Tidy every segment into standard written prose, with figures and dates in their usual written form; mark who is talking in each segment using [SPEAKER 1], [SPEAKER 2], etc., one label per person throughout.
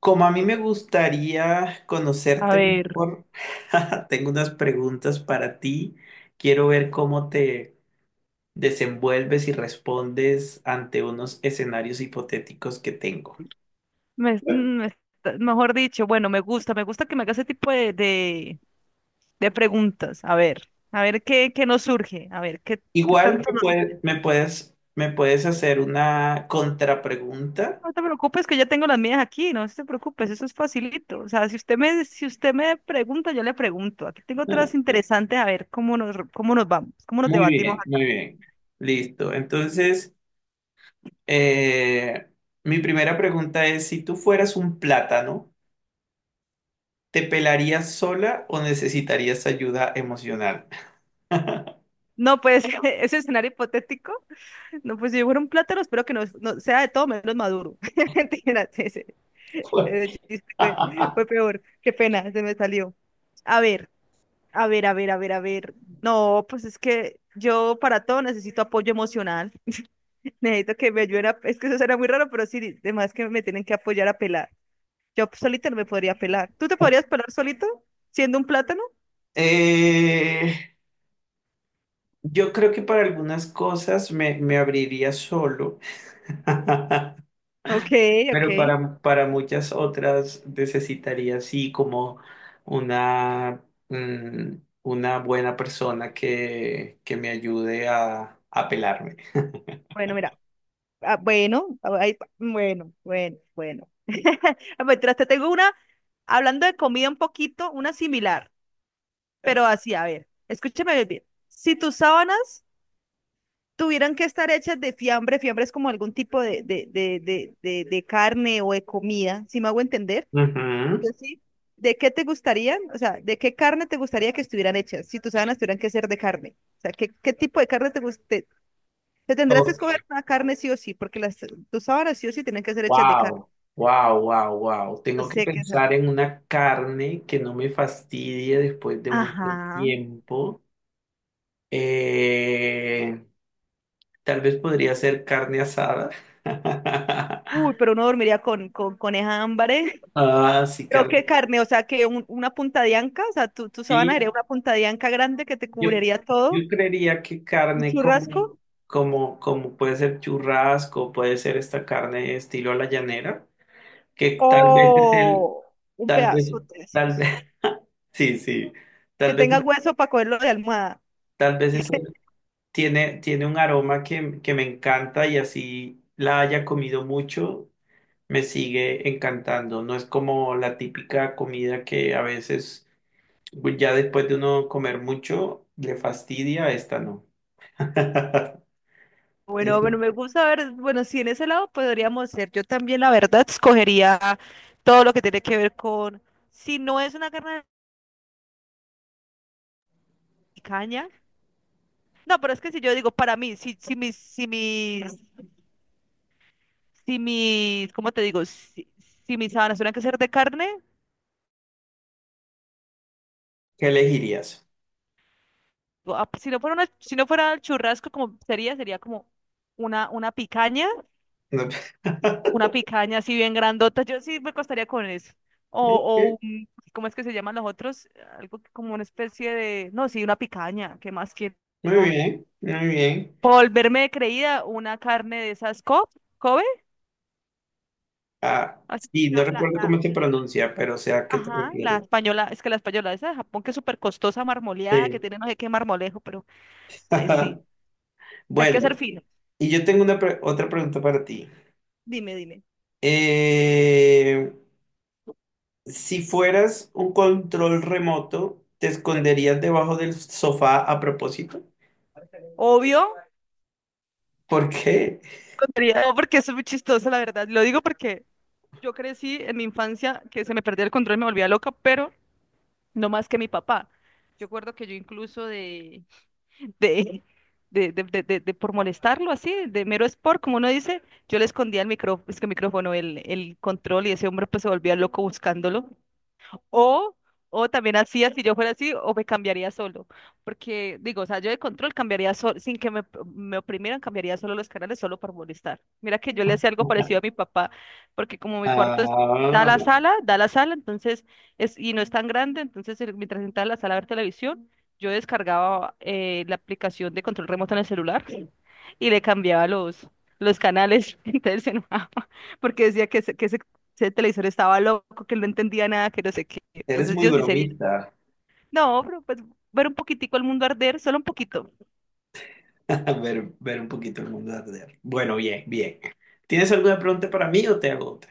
[SPEAKER 1] Como a mí me gustaría
[SPEAKER 2] A
[SPEAKER 1] conocerte
[SPEAKER 2] ver,
[SPEAKER 1] mejor, tengo unas preguntas para ti. Quiero ver cómo te desenvuelves y respondes ante unos escenarios hipotéticos que tengo.
[SPEAKER 2] mejor dicho, bueno, me gusta que me haga ese tipo de preguntas. A ver qué, qué nos surge, a ver qué, qué
[SPEAKER 1] Igual
[SPEAKER 2] tanto
[SPEAKER 1] me
[SPEAKER 2] nos...
[SPEAKER 1] puede- me puedes hacer una contrapregunta.
[SPEAKER 2] No te preocupes que ya tengo las mías aquí, no te preocupes, eso es facilito. O sea, si usted me pregunta, yo le pregunto. Aquí tengo otras
[SPEAKER 1] Bueno.
[SPEAKER 2] interesantes, a ver cómo nos vamos, cómo nos
[SPEAKER 1] Muy
[SPEAKER 2] debatimos
[SPEAKER 1] bien, muy
[SPEAKER 2] acá.
[SPEAKER 1] bien. Listo. Entonces, eh, mi primera pregunta es, si tú fueras un plátano, ¿te pelarías sola o necesitarías ayuda emocional?
[SPEAKER 2] No, pues, ese escenario hipotético. No, pues si fuera un plátano, espero que no, no sea de todo menos maduro. Mentiras, ese chiste fue, fue peor. Qué pena, se me salió. A ver, a ver, a ver, a ver, a ver. No, pues es que yo para todo necesito apoyo emocional. Necesito que me ayuden a... Es que eso será muy raro, pero sí, además que me tienen que apoyar a pelar. Yo solita no me podría pelar. ¿Tú te podrías pelar solito siendo un plátano?
[SPEAKER 1] Eh, yo creo que para algunas cosas me abriría solo,
[SPEAKER 2] Ok, ok.
[SPEAKER 1] pero para muchas otras necesitaría sí como una, una buena persona que me ayude a pelarme.
[SPEAKER 2] Bueno, mira. Ah, bueno, ah, ay, bueno, bueno, bueno. Ah, mientras te tengo una, hablando de comida un poquito, una similar, pero así, a ver, escúchame bien. Si tus sábanas tuvieran que estar hechas de fiambre, fiambre es como algún tipo de carne o de comida, si me hago entender,
[SPEAKER 1] Ujú.
[SPEAKER 2] yo sí. ¿De qué te gustarían? O sea, ¿de qué carne te gustaría que estuvieran hechas? Si tus sábanas tuvieran que ser de carne. O sea, ¿qué, qué tipo de carne te guste? Te tendrás que escoger una carne sí o sí, porque las, tus sábanas sí o sí tienen que ser hechas de carne.
[SPEAKER 1] Wow, wow, wow, wow.
[SPEAKER 2] No
[SPEAKER 1] Tengo que
[SPEAKER 2] sé qué sabor.
[SPEAKER 1] pensar en una carne que no me fastidie después de mucho
[SPEAKER 2] Ajá.
[SPEAKER 1] tiempo. Eh, tal vez podría ser carne asada.
[SPEAKER 2] Uy, pero uno dormiría con esa hambre.
[SPEAKER 1] Ah, sí,
[SPEAKER 2] Creo que
[SPEAKER 1] carne.
[SPEAKER 2] carne, o sea, que una punta de anca, o sea, tu sábana sería
[SPEAKER 1] Sí,
[SPEAKER 2] una punta de anca grande que te
[SPEAKER 1] yo,
[SPEAKER 2] cubriría todo,
[SPEAKER 1] yo creería que
[SPEAKER 2] un
[SPEAKER 1] carne como,
[SPEAKER 2] churrasco
[SPEAKER 1] como, como puede ser churrasco, puede ser esta carne estilo a la llanera, que tal vez es el,
[SPEAKER 2] o un
[SPEAKER 1] tal vez,
[SPEAKER 2] pedazo de
[SPEAKER 1] tal vez,
[SPEAKER 2] esos.
[SPEAKER 1] sí, sí, tal
[SPEAKER 2] Que
[SPEAKER 1] vez,
[SPEAKER 2] tenga hueso para cogerlo de almohada.
[SPEAKER 1] tal vez es el. Tiene un aroma que me encanta y así la haya comido mucho, me sigue encantando. No es como la típica comida que a veces pues, ya después de uno comer mucho le fastidia, esta no.
[SPEAKER 2] Bueno,
[SPEAKER 1] Eso.
[SPEAKER 2] bueno, me gusta ver, bueno, si en ese lado podríamos ser. Yo también, la verdad, escogería todo lo que tiene que ver con, si no es una carne de caña. No, pero es que si yo digo, para mí, si, si mis, si mis si mis, ¿cómo te digo? Si, si mis sábanas tuvieran que ser de carne,
[SPEAKER 1] ¿Qué elegirías?
[SPEAKER 2] o, ah, si no fuera una, si no fuera el churrasco, como sería, sería como una, una picaña,
[SPEAKER 1] No.
[SPEAKER 2] una picaña así bien grandota. Yo sí me costaría con eso. O, ¿cómo es que se llaman los otros? Algo como una especie de, no, sí, una picaña, ¿qué más quiero?
[SPEAKER 1] Muy
[SPEAKER 2] No.
[SPEAKER 1] bien, muy bien.
[SPEAKER 2] Por volverme de creída, una carne de esas Kobe,
[SPEAKER 1] Ah,
[SPEAKER 2] ¿has
[SPEAKER 1] sí, no
[SPEAKER 2] escuchado?
[SPEAKER 1] recuerdo cómo se pronuncia, pero sé a qué te
[SPEAKER 2] Ajá, la
[SPEAKER 1] refieres.
[SPEAKER 2] española, es que la española, esa de Japón que es súper costosa, marmoleada, que
[SPEAKER 1] Sí.
[SPEAKER 2] tiene no sé qué marmolejo, pero ay, sí, hay que ser
[SPEAKER 1] Bueno,
[SPEAKER 2] fino.
[SPEAKER 1] y yo tengo una otra pregunta para ti.
[SPEAKER 2] Dime, dime.
[SPEAKER 1] Eh, Si fueras un control remoto, ¿te esconderías debajo del sofá a propósito?
[SPEAKER 2] Obvio,
[SPEAKER 1] ¿Por qué?
[SPEAKER 2] tontería, no, porque eso es muy chistoso, la verdad. Lo digo porque yo crecí en mi infancia que se me perdía el control, me volvía loca, pero no más que mi papá. Yo recuerdo que yo incluso de, de por molestarlo así, de mero sport, como uno dice, yo le escondía el micrófono, es que el micrófono, el control, y ese hombre pues se volvía loco buscándolo. O, o también hacía, si yo fuera así, o me cambiaría solo. Porque digo, o sea, yo de control cambiaría solo, sin que me oprimieran, cambiaría solo los canales solo por molestar. Mira que yo le hacía algo parecido a mi papá, porque como mi cuarto
[SPEAKER 1] Ah,
[SPEAKER 2] da la sala, entonces, es, y no es tan grande, entonces mientras entraba a la sala a ver televisión, yo descargaba la aplicación de control remoto en el celular y le cambiaba los canales. Entonces se enojaba porque decía que, que se ese televisor estaba loco, que no entendía nada, que no sé qué.
[SPEAKER 1] eres
[SPEAKER 2] Entonces
[SPEAKER 1] muy
[SPEAKER 2] yo sí sería,
[SPEAKER 1] bromista.
[SPEAKER 2] no, pero pues ver un poquitico el mundo arder, solo un poquito.
[SPEAKER 1] Ver, ver un poquito el mundo arder. Bueno, bien, bien. ¿Tienes alguna pregunta para mí o te hago otra?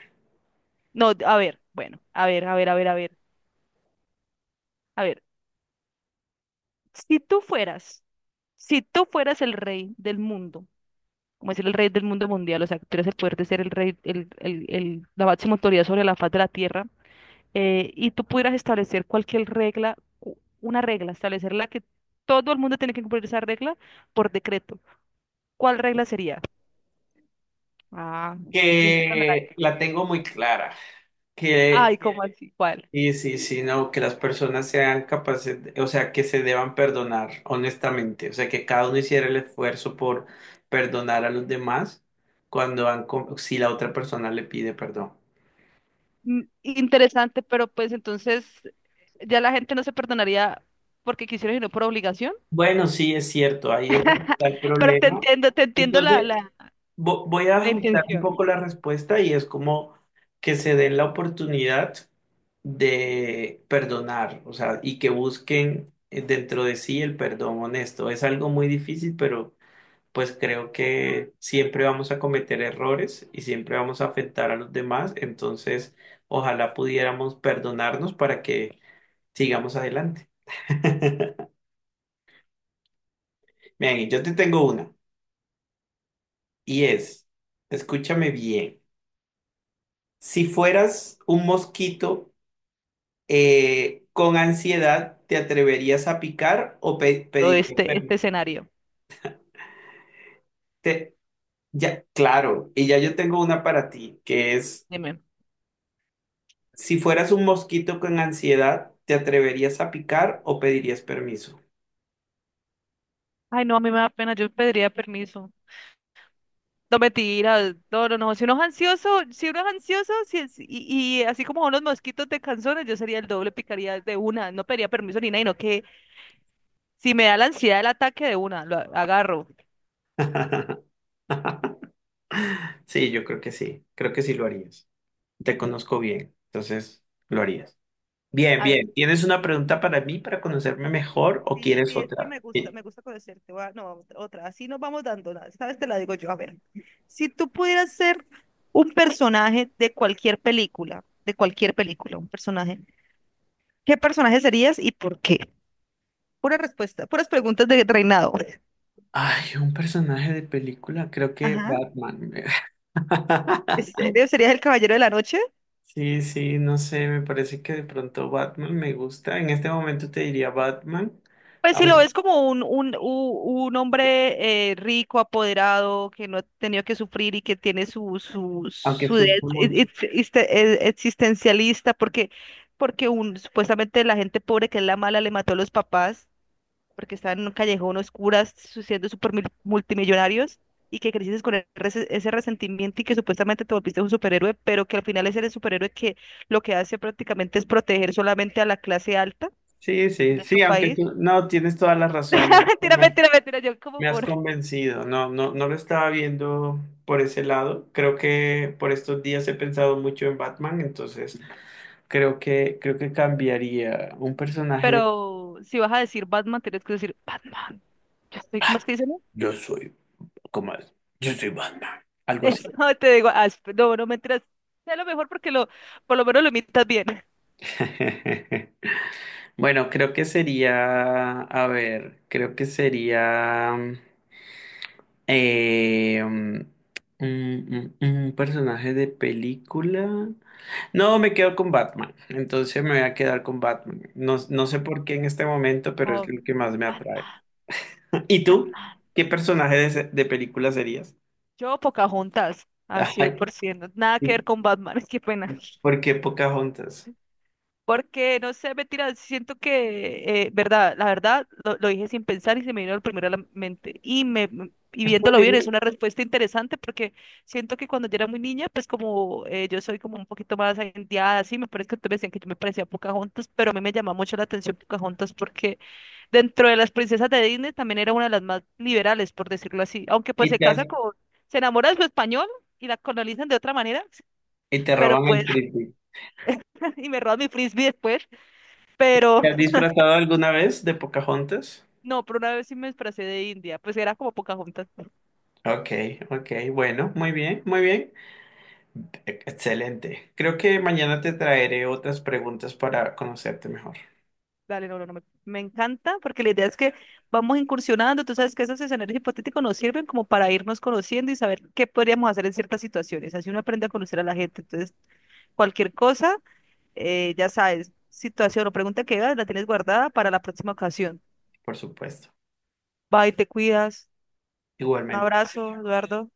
[SPEAKER 2] No, a ver, bueno, a ver, a ver, a ver, a ver, a ver. Si tú fueras, si tú fueras el rey del mundo, como decir el rey del mundo mundial, o sea, que tuvieras el poder de ser el rey, la máxima autoridad sobre la faz de la tierra, y tú pudieras establecer cualquier regla, una regla, establecerla que todo el mundo tiene que cumplir esa regla por decreto. ¿Cuál regla sería? Ah, príncipe
[SPEAKER 1] Que la
[SPEAKER 2] Melancólico.
[SPEAKER 1] tengo muy clara. Que
[SPEAKER 2] Ay, ¿cómo así? ¿Cuál?
[SPEAKER 1] sí, sí, sí, no, que las personas sean capaces, o sea, que se deban perdonar honestamente, o sea, que cada uno hiciera el esfuerzo por perdonar a los demás cuando han, si la otra persona le pide perdón.
[SPEAKER 2] Mm, interesante, pero pues entonces ya la gente no se perdonaría porque quisiera, sino por obligación.
[SPEAKER 1] Bueno, sí, es cierto, ahí es donde está el
[SPEAKER 2] Pero
[SPEAKER 1] problema.
[SPEAKER 2] te entiendo
[SPEAKER 1] Entonces, voy a
[SPEAKER 2] la
[SPEAKER 1] ajustar un
[SPEAKER 2] intención.
[SPEAKER 1] poco la respuesta y es como que se den la oportunidad de perdonar, o sea, y que busquen dentro de sí el perdón honesto. Es algo muy difícil, pero pues creo que siempre vamos a cometer errores y siempre vamos a afectar a los demás. Entonces, ojalá pudiéramos perdonarnos para que sigamos adelante. Bien, yo te tengo una y es, escúchame bien, si fueras un mosquito con ansiedad, ¿te atreverías a picar o
[SPEAKER 2] Todo
[SPEAKER 1] pedirías
[SPEAKER 2] este, este
[SPEAKER 1] permiso?
[SPEAKER 2] escenario.
[SPEAKER 1] Te- ya, claro, y ya yo tengo una para ti, que es:
[SPEAKER 2] Dime.
[SPEAKER 1] si fueras un mosquito con ansiedad, ¿te atreverías a picar o pedirías permiso?
[SPEAKER 2] Ay, no, a mí me da pena, yo pediría permiso. No, mentira, no, no, no. Si uno es ansioso, si uno es ansioso, si es- y así como son los mosquitos de canzones, yo sería el doble, picaría de una, no pediría permiso ni nada, no que si me da la ansiedad el ataque de una, lo agarro.
[SPEAKER 1] Sí, yo creo que sí lo harías. Te conozco bien, entonces lo harías. Bien,
[SPEAKER 2] A ver,
[SPEAKER 1] bien. ¿Tienes una
[SPEAKER 2] dime.
[SPEAKER 1] pregunta para mí para conocerme
[SPEAKER 2] Sí,
[SPEAKER 1] mejor o
[SPEAKER 2] sí,
[SPEAKER 1] quieres
[SPEAKER 2] sí, es que
[SPEAKER 1] otra? Sí.
[SPEAKER 2] me gusta conocerte. Va, no, otra, así nos vamos dando. Esta vez te la digo yo. A ver, si tú pudieras ser un personaje de cualquier película, un personaje, ¿qué personaje serías y por qué? Pura respuesta, puras preguntas de reinado.
[SPEAKER 1] Ay, un personaje de película, creo que
[SPEAKER 2] Ajá.
[SPEAKER 1] Batman.
[SPEAKER 2] ¿En serio? ¿Serías el caballero de la noche?
[SPEAKER 1] Sí, sí, no sé, me parece que de pronto Batman me gusta. En este momento te diría Batman,
[SPEAKER 2] Pues si lo
[SPEAKER 1] au-
[SPEAKER 2] ves como un hombre rico, apoderado, que no ha tenido que sufrir y que tiene su, su,
[SPEAKER 1] aunque
[SPEAKER 2] su de-
[SPEAKER 1] sufro mucho.
[SPEAKER 2] ex- ex- existencialista, porque, porque un, supuestamente la gente pobre, que es la mala, le mató a los papás, porque estaban en un callejón oscuras siendo multimillonarios, y que creciste con el ese resentimiento y que supuestamente te volviste un superhéroe, pero que al final es el superhéroe que lo que hace prácticamente es proteger solamente a la clase alta
[SPEAKER 1] Sí, sí,
[SPEAKER 2] de tu
[SPEAKER 1] sí, aunque
[SPEAKER 2] país.
[SPEAKER 1] tú, no, tienes toda la razón,
[SPEAKER 2] Mentira,
[SPEAKER 1] me,
[SPEAKER 2] mentira, mentira. Yo como
[SPEAKER 1] me- has
[SPEAKER 2] por.
[SPEAKER 1] convencido, no, no, no lo estaba viendo por ese lado, creo que por estos días he pensado mucho en Batman, entonces creo que cambiaría un personaje de.
[SPEAKER 2] Pero si vas a decir Batman, tienes que decir Batman. Yo estoy, ¿cómo
[SPEAKER 1] "Ah,
[SPEAKER 2] es que dicen?
[SPEAKER 1] yo soy, ¿cómo es? Yo soy Batman", algo así.
[SPEAKER 2] Eso te digo, ah, no, no mentiras. Sé lo mejor porque lo, por lo menos lo imitas bien.
[SPEAKER 1] Bueno, creo que sería, a ver, creo que sería eh, mm, un personaje de película. No, me quedo con Batman. Entonces me voy a quedar con Batman. No, no sé por qué en este momento, pero es lo
[SPEAKER 2] Con
[SPEAKER 1] que más me atrae.
[SPEAKER 2] Batman,
[SPEAKER 1] ¿Y tú?
[SPEAKER 2] Batman.
[SPEAKER 1] ¿Qué personaje de, de película serías?
[SPEAKER 2] Yo Pocahontas, al cien
[SPEAKER 1] Ay,
[SPEAKER 2] por ciento Nada que ver
[SPEAKER 1] sí.
[SPEAKER 2] con Batman, qué pena.
[SPEAKER 1] ¿Por qué Pocahontas?
[SPEAKER 2] Porque, no sé, mentira, siento que, verdad, la verdad, lo dije sin pensar y se me vino el primero a la mente. Y, y
[SPEAKER 1] Está
[SPEAKER 2] viéndolo bien, es
[SPEAKER 1] bien.
[SPEAKER 2] una respuesta interesante porque siento que cuando yo era muy niña, pues como yo soy como un poquito más agentiada, así, me parece que ustedes me decían que yo me parecía a Pocahontas, pero a mí me llamaba mucho la atención Pocahontas porque dentro de las princesas de Disney también era una de las más liberales, por decirlo así. Aunque pues
[SPEAKER 1] Y
[SPEAKER 2] se
[SPEAKER 1] te,
[SPEAKER 2] casa con, se enamora de su español y la colonizan de otra manera,
[SPEAKER 1] y te
[SPEAKER 2] pero
[SPEAKER 1] roban
[SPEAKER 2] pues,
[SPEAKER 1] el frisbee.
[SPEAKER 2] y me roban mi frisbee después, pero
[SPEAKER 1] ¿Te has disfrazado alguna vez de Pocahontas?
[SPEAKER 2] no, pero una vez sí me disfracé de India, pues era como Pocahontas.
[SPEAKER 1] Ok, ok, bueno, muy bien, muy bien. Excelente. Creo que mañana te traeré otras preguntas para conocerte mejor,
[SPEAKER 2] Dale, no, no, no, me encanta porque la idea es que vamos incursionando, tú sabes que esos escenarios hipotéticos nos sirven como para irnos conociendo y saber qué podríamos hacer en ciertas situaciones, así uno aprende a conocer a la gente, entonces cualquier cosa, ya sabes, situación o pregunta que hagas, la tienes guardada para la próxima ocasión.
[SPEAKER 1] por supuesto.
[SPEAKER 2] Bye, te cuidas, un
[SPEAKER 1] Igualmente.
[SPEAKER 2] abrazo, Eduardo.